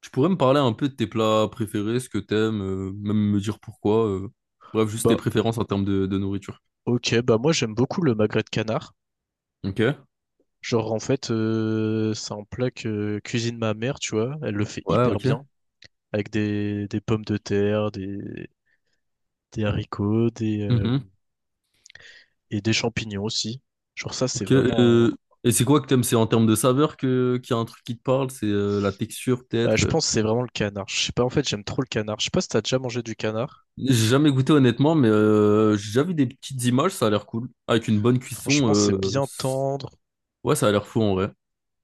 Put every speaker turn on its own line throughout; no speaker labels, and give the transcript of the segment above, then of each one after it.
Tu pourrais me parler un peu de tes plats préférés, ce que t'aimes, même me dire pourquoi. Bref, juste tes
Bah,
préférences en termes de nourriture.
ok, bah moi j'aime beaucoup le magret de canard.
Ok.
Genre en fait, c'est un plat que cuisine ma mère, tu vois. Elle le fait
Ouais,
hyper
ok.
bien avec des pommes de terre, des haricots,
Mhm.
et des champignons aussi. Genre ça, c'est
Ok.
vraiment.
Et c'est quoi que t'aimes? C'est en termes de saveur que qu'il y a un truc qui te parle? C'est la texture
Bah,
peut-être?
je pense que c'est vraiment le canard. Je sais pas, en fait, j'aime trop le canard. Je sais pas si t'as déjà mangé du canard.
J'ai jamais goûté honnêtement, mais j'ai déjà vu des petites images, ça a l'air cool. Avec une bonne cuisson,
Franchement, c'est bien tendre.
ouais, ça a l'air fou en vrai.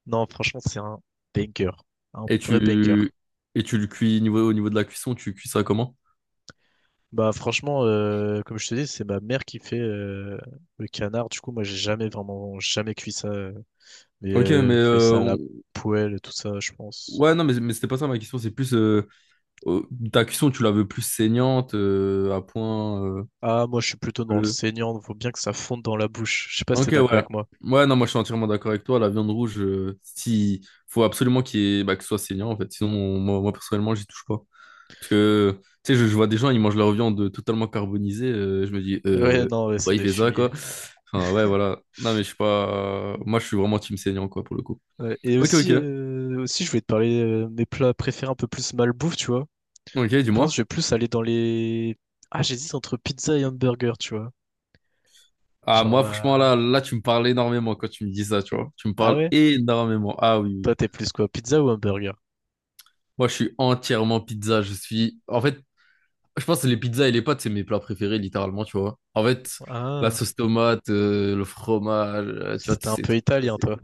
Non, franchement, c'est un banger. Un
Et
vrai banger.
tu et tu le cuis niveau, au niveau de la cuisson, tu cuis ça comment?
Bah franchement, comme je te dis, c'est ma mère qui fait le canard. Du coup, moi, j'ai jamais vraiment jamais cuit ça. Mais
Ok, mais
elle fait ça à la poêle et tout ça, je pense.
ouais, non, mais c'était pas ça ma question, c'est plus. euh, Ta cuisson, tu la veux plus saignante, à point
Ah, moi, je suis plutôt dans le
bleu.
saignant. Faut bien que ça fonde dans la bouche. Je sais pas si t'es
Ok,
d'accord
ouais.
avec moi.
Ouais, non, moi je suis entièrement d'accord avec toi. La viande rouge, si faut absolument qu'il y ait- bah, que ce soit saignant en fait. Sinon, moi, personnellement, j'y touche pas. Parce que tu sais, je vois des gens, ils mangent leur viande totalement carbonisée. Je me dis,
Ouais, non, ouais,
ouais,
c'est
il
des
fait ça quoi.
fumiers.
Enfin, ouais, voilà. Non, mais je suis pas. Moi, je suis vraiment team saignant quoi pour le coup.
Ouais, et
Ok,
aussi,
ok.
je voulais te parler mes plats préférés un peu plus malbouffe, tu vois.
Ok,
Je pense que
dis-moi.
je vais plus aller dans les. Ah, j'hésite entre pizza et hamburger, tu vois.
Ah,
Genre.
moi, franchement, là, tu me parles énormément quand tu me dis ça, tu vois. Tu me
Ah
parles
ouais?
énormément. Ah oui. Oui, oui.
Toi, t'es plus quoi? Pizza ou hamburger?
Moi, je suis entièrement pizza. Je suis. En fait, je pense que les pizzas et les pâtes, c'est mes plats préférés, littéralement, tu vois. En fait, la
Ah.
sauce tomate, le fromage, tu vois,
C'était
tous
un
ces
peu
trucs-là.
italien, toi.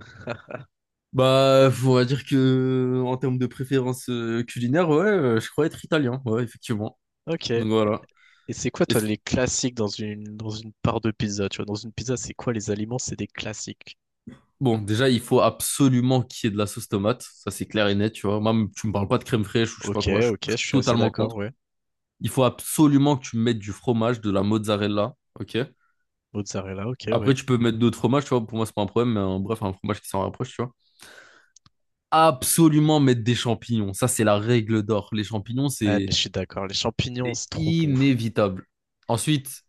Bah, on va dire que, en termes de préférence culinaire, ouais, je crois être italien, ouais, effectivement.
Ok. Et
Donc voilà.
c'est quoi,
Et
toi,
c-
les classiques dans dans une part de pizza? Tu vois, dans une pizza, c'est quoi les aliments? C'est des classiques.
bon, déjà, il faut absolument qu'il y ait de la sauce tomate. Ça, c'est clair et net, tu vois. Même, tu me parles pas de crème fraîche ou je sais pas
Ok,
quoi. Je
ok,
je
je
suis
suis assez
totalement
d'accord,
contre.
ouais.
Il faut absolument que tu mettes du fromage, de la mozzarella, ok?
Mozzarella, ok,
Après,
ouais.
tu peux mettre d'autres fromages, tu vois. Pour moi, c'est pas un problème, mais bref, un fromage qui s'en rapproche, tu vois. Absolument mettre des champignons. Ça, c'est la règle d'or. Les champignons,
Ah, mais
c'est
je suis d'accord. Les champignons,
c'est
c'est trop bon.
inévitable. Ensuite,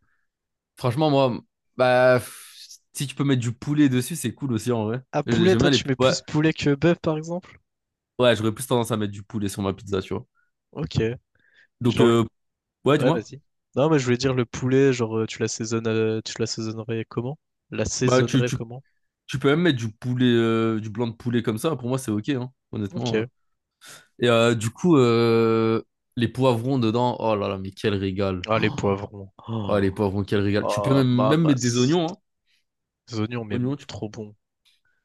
franchement, moi, bah, pff, si tu peux mettre du poulet dessus, c'est cool aussi, en vrai.
Ah, poulet,
J'aime
toi,
bien les.
tu mets
Ouais,
plus poulet que bœuf, par exemple?
ouais, j'aurais plus tendance à mettre du poulet sur ma pizza, tu vois.
Ok. Et
Donc,
genre le...
ouais,
Ouais,
dis-moi.
vas-y. Non, mais je voulais dire le poulet, genre, tu l'assaisonnes, tu l'assaisonnerais comment?
Bah,
L'assaisonnerais comment?
tu peux même mettre du poulet, du blanc de poulet comme ça. Pour moi, c'est ok, hein, honnêtement.
Ok.
Et du coup, les poivrons dedans, oh là là, mais quel régal.
Ah, les poivrons.
Oh, oh,
Oh,
les poivrons, quel régal. Tu peux
oh
même mettre des oignons,
mamacita.
hein.
Les oignons, mais
Oignons, tu-
trop bon.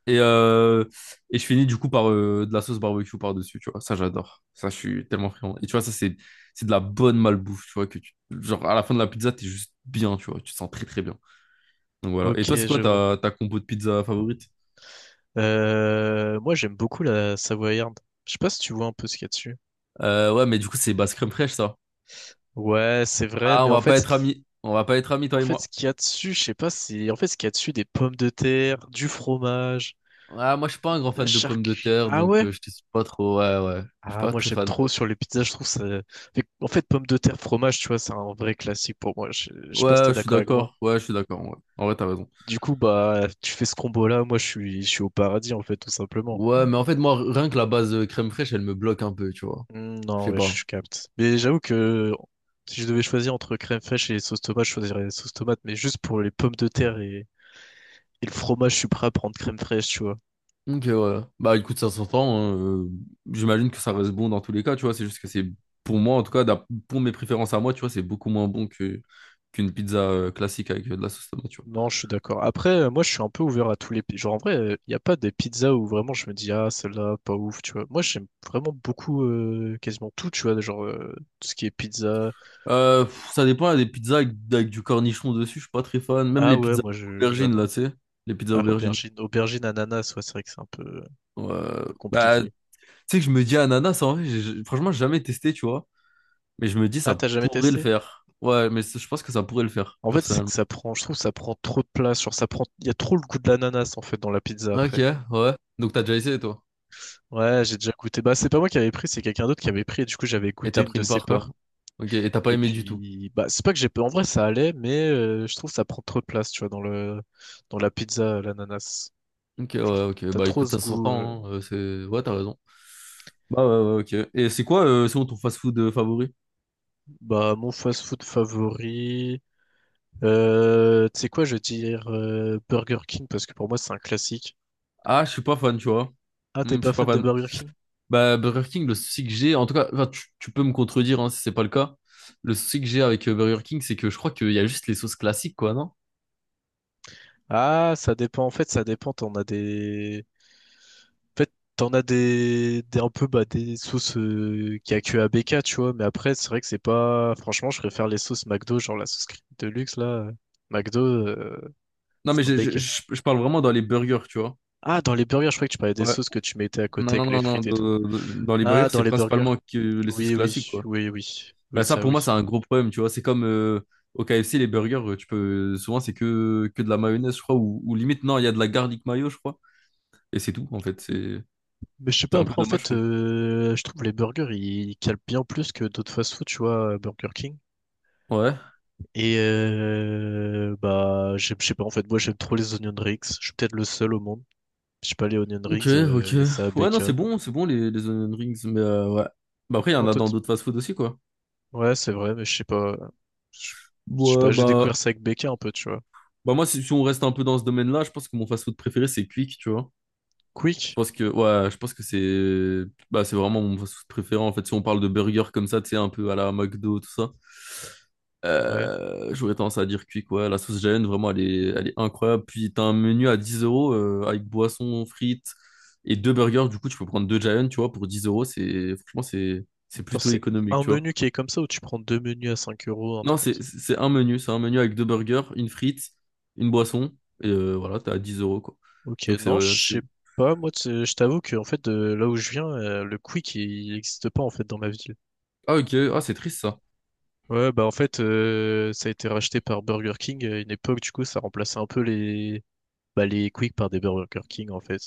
Et, euh, et je finis du coup par de la sauce barbecue par-dessus, tu vois. Ça, j'adore. Ça, je suis tellement friand. Et tu vois, c'est de la bonne malbouffe, tu vois. Genre, à la fin de la pizza, t'es juste bien, tu vois. Tu te sens très, très bien. Donc voilà. Et
Ok,
toi, c'est quoi
je vois.
ta compo de pizza favorite?
Moi, j'aime beaucoup la Savoyarde. Je sais pas si tu vois un peu ce qu'il y a dessus.
Ouais, mais du coup, c'est basse crème fraîche, ça.
Ouais, c'est vrai,
Ah,
mais
on va pas être amis. On va pas être amis,
en
toi et
fait, ce
moi.
qu'il y a dessus, je sais pas, c'est en fait ce qu'il y a dessus, des pommes de terre, du fromage,
Ah, moi, je suis pas un grand
de la
fan de pommes de
charcuterie.
terre,
Ah
donc
ouais?
je suis pas trop. Ouais, ouais. Je suis
Ah,
pas
moi,
très
j'aime
fan.
trop sur les pizzas, je trouve ça. En fait, pommes de terre, fromage, tu vois, c'est un vrai classique pour moi. Je sais pas si
Ouais,
t'es
je suis
d'accord avec moi.
d'accord. Ouais, je suis d'accord. Ouais. En vrai, t'as raison.
Du coup, bah, tu fais ce combo-là, moi, je suis au paradis, en fait, tout simplement.
Ouais, mais en fait, moi, rien que la base crème fraîche, elle me bloque un peu, tu vois.
Hmm,
Je
non,
sais
ouais, je
pas.
capte. Mais j'avoue que si je devais choisir entre crème fraîche et sauce tomate, je choisirais sauce tomate, mais juste pour les pommes de terre et le fromage, je suis prêt à prendre crème fraîche, tu vois.
Ok, ouais. Bah, écoute, ça s'entend. Hein, euh, J'imagine que ça reste bon dans tous les cas, tu vois. C'est juste que c'est, Pour moi, en tout cas, pour mes préférences à moi, tu vois, c'est beaucoup moins bon que qu'une pizza classique avec de la sauce tomate, tu vois.
Non, je suis d'accord. Après, moi, je suis un peu ouvert à tous les... Genre, en vrai, il n'y a pas des pizzas où vraiment je me dis, ah, celle-là, pas ouf, tu vois. Moi, j'aime vraiment beaucoup, quasiment tout, tu vois, tout ce qui est pizza.
Pff, ça dépend, des pizzas avec du cornichon dessus, je suis pas très fan. Même
Ah
les
ouais,
pizzas
moi, je,
aubergines,
j'adore.
là, tu sais. Les pizzas
Ah,
aubergines.
aubergine, aubergine, ananas, ouais, c'est vrai que c'est un
Euh,
peu
Tu
compliqué.
sais que je me dis ananas, en vrai, franchement, j'ai jamais testé, tu vois. Mais je me dis,
Ah,
ça
t'as jamais
pourrait le
testé?
faire. Ouais, mais je pense que ça pourrait le faire,
En fait, c'est que
personnellement.
ça prend, je trouve, que ça prend trop de place. Genre, ça prend, il y a trop le goût de l'ananas en fait dans la pizza
Ok,
après.
ouais. Donc t'as déjà essayé, toi.
Ouais, j'ai déjà goûté. Bah, c'est pas moi qui avais pris, c'est quelqu'un d'autre qui avait pris. Et du coup, j'avais
Et
goûté
t'as
une
pris
de
une
ses
part, quoi.
parts.
Ok, et t'as pas
Et
aimé du tout.
puis, bah, c'est pas que j'ai, en vrai, ça allait, mais je trouve que ça prend trop de place, tu vois, dans le, dans la pizza, l'ananas.
Ok,
Genre,
ouais, ok.
t'as
Bah
trop
écoute,
ce
ça
goût.
s'entend, hein, c'est... Ouais, t'as raison. Bah ouais, ouais, ok. Et c'est quoi, selon ton fast-food favori?
Bah, mon fast-food favori. Tu sais quoi, je vais dire Burger King parce que pour moi, c'est un classique.
Ah, je suis pas fan, tu vois.
Ah, t'es
Hmm, je
pas
suis pas
fan de
fan.
Burger King?
Bah, Burger King, le souci que j'ai, en tout cas, enfin, tu peux me contredire hein, si c'est pas le cas. Le souci que j'ai avec Burger King, c'est que je crois qu'il y a juste les sauces classiques, quoi, non?
Ah, ça dépend. En fait, ça dépend. On a des En fait, t'en as des un peu bah, des sauces qu'il y a que à BK, tu vois. Mais après, c'est vrai que c'est pas. Franchement, je préfère les sauces McDo, genre la sauce crème de luxe là. McDo, euh,
Non, mais
c'est un
je j'ai-
beg.
je parle vraiment dans les burgers, tu vois.
Ah, dans les burgers, je crois que tu parlais des
Ouais.
sauces que tu mettais à
Non,
côté avec les
non, non,
frites et tout.
dans les burgers,
Ah, dans
c'est
les burgers.
principalement que les sauces
Oui,
classiques, quoi. Bah, ça,
ça,
pour moi,
oui.
c'est un gros problème, tu vois. C'est comme au KFC, les burgers, tu peux, souvent, c'est que de la mayonnaise, je crois, ou limite, non, il y a de la garlic mayo, je crois. Et c'est tout, en fait. C'est
Mais je sais
c'est
pas,
un peu
après, en
dommage, je
fait,
trouve.
je trouve les burgers, ils calent bien plus que d'autres fast-food, tu vois, Burger King.
Ouais.
Et bah, je sais pas, en fait, moi, j'aime trop les onion rings. Je suis peut-être le seul au monde. Je sais pas, les Onion
Ok,
Rings,
ok.
il y a ça à
Ouais, non,
BK.
c'est bon les onion rings, mais ouais. Bah après, il y
En
en a dans
tout...
d'autres fast-food aussi, quoi.
Ouais, c'est vrai, mais je sais pas. Je je sais pas,
Ouais,
j'ai
bah,
découvert ça avec BK un peu, tu vois.
bah moi, si on reste un peu dans ce domaine-là, je pense que mon fast-food préféré, c'est Quick, tu vois. Je
Quick?
pense que ouais, je pense que c'est bah, c'est vraiment mon fast-food préféré en fait. Si on parle de burger comme ça, tu sais, un peu à la McDo, tout ça.
Ouais.
J'aurais tendance à dire Quick, ouais. La sauce Jaune, vraiment, elle est incroyable. Puis, t'as un menu à 10 € avec boisson, frites et 2 burgers. Du coup, tu peux prendre 2 Giant, tu vois, pour 10 euros. C'est franchement, c'est
Attends,
plutôt
c'est
économique,
un
tu vois.
menu qui est comme ça ou tu prends deux menus à 5 euros, un
Non,
truc comme ça.
c'est un menu. C'est un menu avec 2 burgers, une frite, une boisson. Et voilà, t'es à 10 euros, quoi.
Ok,
Donc, c'est,
non,
ouais,
je
c'est...
sais pas. Moi, tu sais, je t'avoue que en fait, de là où je viens, le Quick, il n'existe pas en fait dans ma ville.
Ah, ok. Ah, c'est triste.
Ouais, bah en fait, ça a été racheté par Burger King à une époque, du coup, ça remplaçait un peu bah, les Quick par des Burger King en fait.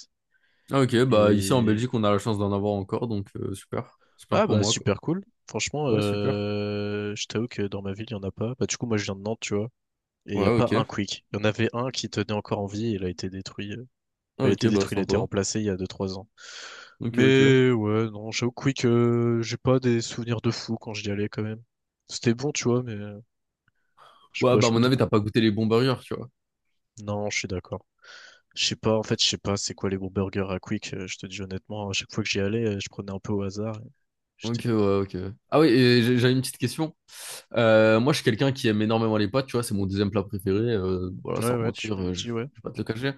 Ah, ok, bah ici en
Et
Belgique, on a la chance d'en avoir encore, donc super. Super
ah
pour
bah
moi, quoi.
super cool. Franchement,
Ouais, super.
je t'avoue que dans ma ville, il n'y en a pas. Bah du coup, moi je viens de Nantes, tu vois. Et il n'y a
Ouais,
pas
ok.
un Quick. Il y en avait un qui tenait encore en vie et il a été détruit.
Ah,
Il a
ok,
été
bah
détruit, il a été
sympa.
remplacé il y a deux trois ans.
Ok, ok.
Mais ouais, non, j'avoue que Quick, j'ai pas des souvenirs de fou quand j'y allais quand même. C'était bon, tu vois, mais je sais
Ouais,
pas,
bah
je
à
peux
mon
te
avis, t'as pas goûté les bons burgers, tu vois.
Non, je suis d'accord. Je sais pas, en fait, je sais pas c'est quoi les bons burgers à Quick, je te dis honnêtement, à chaque fois que j'y allais, je prenais un peu au hasard.
Ok,
J'étais...
ouais, ok. Ah oui, et j'avais une petite question. Moi, je suis quelqu'un qui aime énormément les pâtes, tu vois, c'est mon deuxième plat préféré. Voilà,
Ouais,
sans
ouais, tu
mentir,
me l'as
je
dit, ouais.
vais pas te le cacher.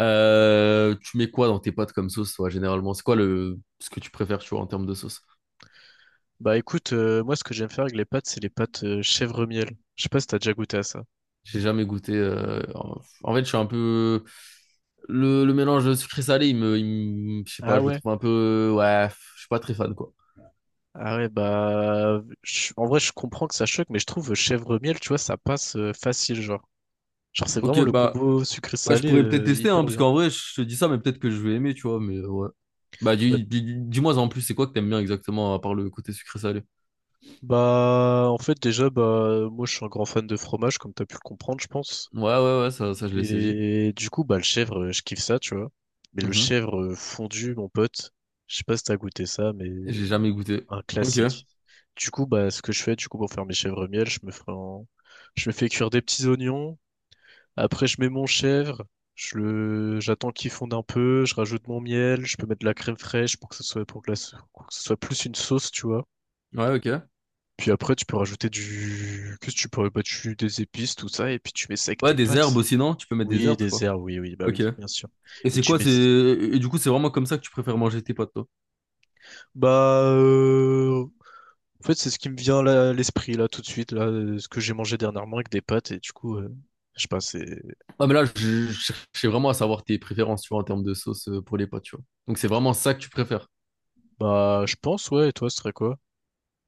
Tu mets quoi dans tes pâtes comme sauce, toi, généralement? C'est quoi le ce que tu préfères, tu vois, en termes de sauce?
Bah écoute, moi ce que j'aime faire avec les pâtes, c'est les pâtes chèvre-miel. Je sais pas si t'as déjà goûté à ça.
J'ai jamais goûté. En fait, je suis un peu. Le mélange sucré-salé, il me- Je sais pas,
Ah
je le
ouais?
trouve un peu. Ouais, je suis pas très fan, quoi.
Ah ouais, en vrai je comprends que ça choque, mais je trouve chèvre-miel, tu vois, ça passe facile, genre. Genre c'est
Ok,
vraiment le
bah,
combo
ouais, je
sucré-salé
pourrais peut-être tester, hein,
hyper
parce
bien.
qu'en vrai, je te dis ça, mais peut-être que je vais aimer, tu vois, mais ouais. Bah,
Bah,
dis-moi en plus, c'est quoi que t'aimes bien exactement, à part le côté sucré-salé?
bah, en fait déjà bah moi je suis un grand fan de fromage, comme t'as pu le comprendre, je pense.
Ouais, ouais, ouais, ça je l'ai saisi.
Et du coup bah le chèvre, je kiffe ça, tu vois. Mais le
Mhm.
chèvre fondu, mon pote, je sais pas si t'as goûté ça, mais
J'ai jamais goûté.
un
Ok.
classique. Du coup, bah, ce que je fais, du coup, pour faire mes chèvres miel, je me fais cuire des petits oignons. Après, je mets mon chèvre. J'attends qu'il fonde un peu. Je rajoute mon miel. Je peux mettre de la crème fraîche pour que ce soit, pour que ce soit plus une sauce, tu vois.
Ouais, ok.
Puis après, tu peux rajouter du, qu'est-ce que tu pourrais, bah, tu- des épices, tout ça, et puis tu mets ça avec
Ouais,
tes
des herbes
pâtes.
aussi, non? Tu peux mettre des
Oui,
herbes, je crois.
des herbes, oui, oui, bah
Ok.
oui, bien sûr.
Et
Et
c'est quoi, c'est. Et du coup, c'est vraiment comme ça que tu préfères manger tes pâtes, toi?
bah, euh, en fait, c'est ce qui me vient là, à l'esprit, là, tout de suite, là, ce que j'ai mangé dernièrement avec des pâtes, et du coup, je sais pas, c'est...
Ah, mais là, je cherchais vraiment à savoir tes préférences, tu vois, en termes de sauce pour les pâtes, tu vois. Donc, c'est vraiment ça que tu préfères.
Bah, je pense, ouais, et toi, ce serait quoi?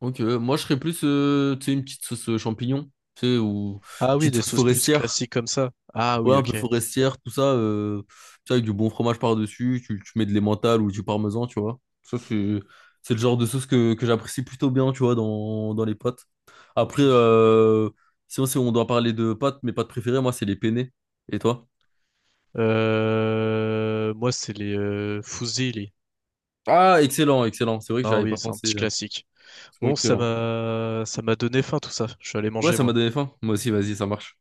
Ok, moi, je serais plus, tu sais, une petite sauce champignon, tu sais, ou
Ah
une
oui,
petite
des
sauce
sauces plus
forestière.
classiques comme ça. Ah
Ouais,
oui,
un peu
ok.
forestière, tout ça, tu sais, avec du bon fromage par-dessus, tu mets de l'emmental ou du parmesan, tu vois. C'est le genre de sauce que j'apprécie plutôt bien, tu vois, dans les pâtes. Après,
Oui.
sinon, si on doit parler de pâtes, mes pâtes préférées, moi, c'est les penne. Et toi?
Moi, c'est les fusilli.
Ah, excellent, excellent. C'est vrai que
Non,
j'avais
oui,
pas
c'est un
pensé.
petit classique.
Ils sont
Bon,
excellents.
ça m'a donné faim, tout ça. Je suis allé
Ouais,
manger,
ça m'a
moi.
donné faim. Moi aussi, vas-y, ça marche.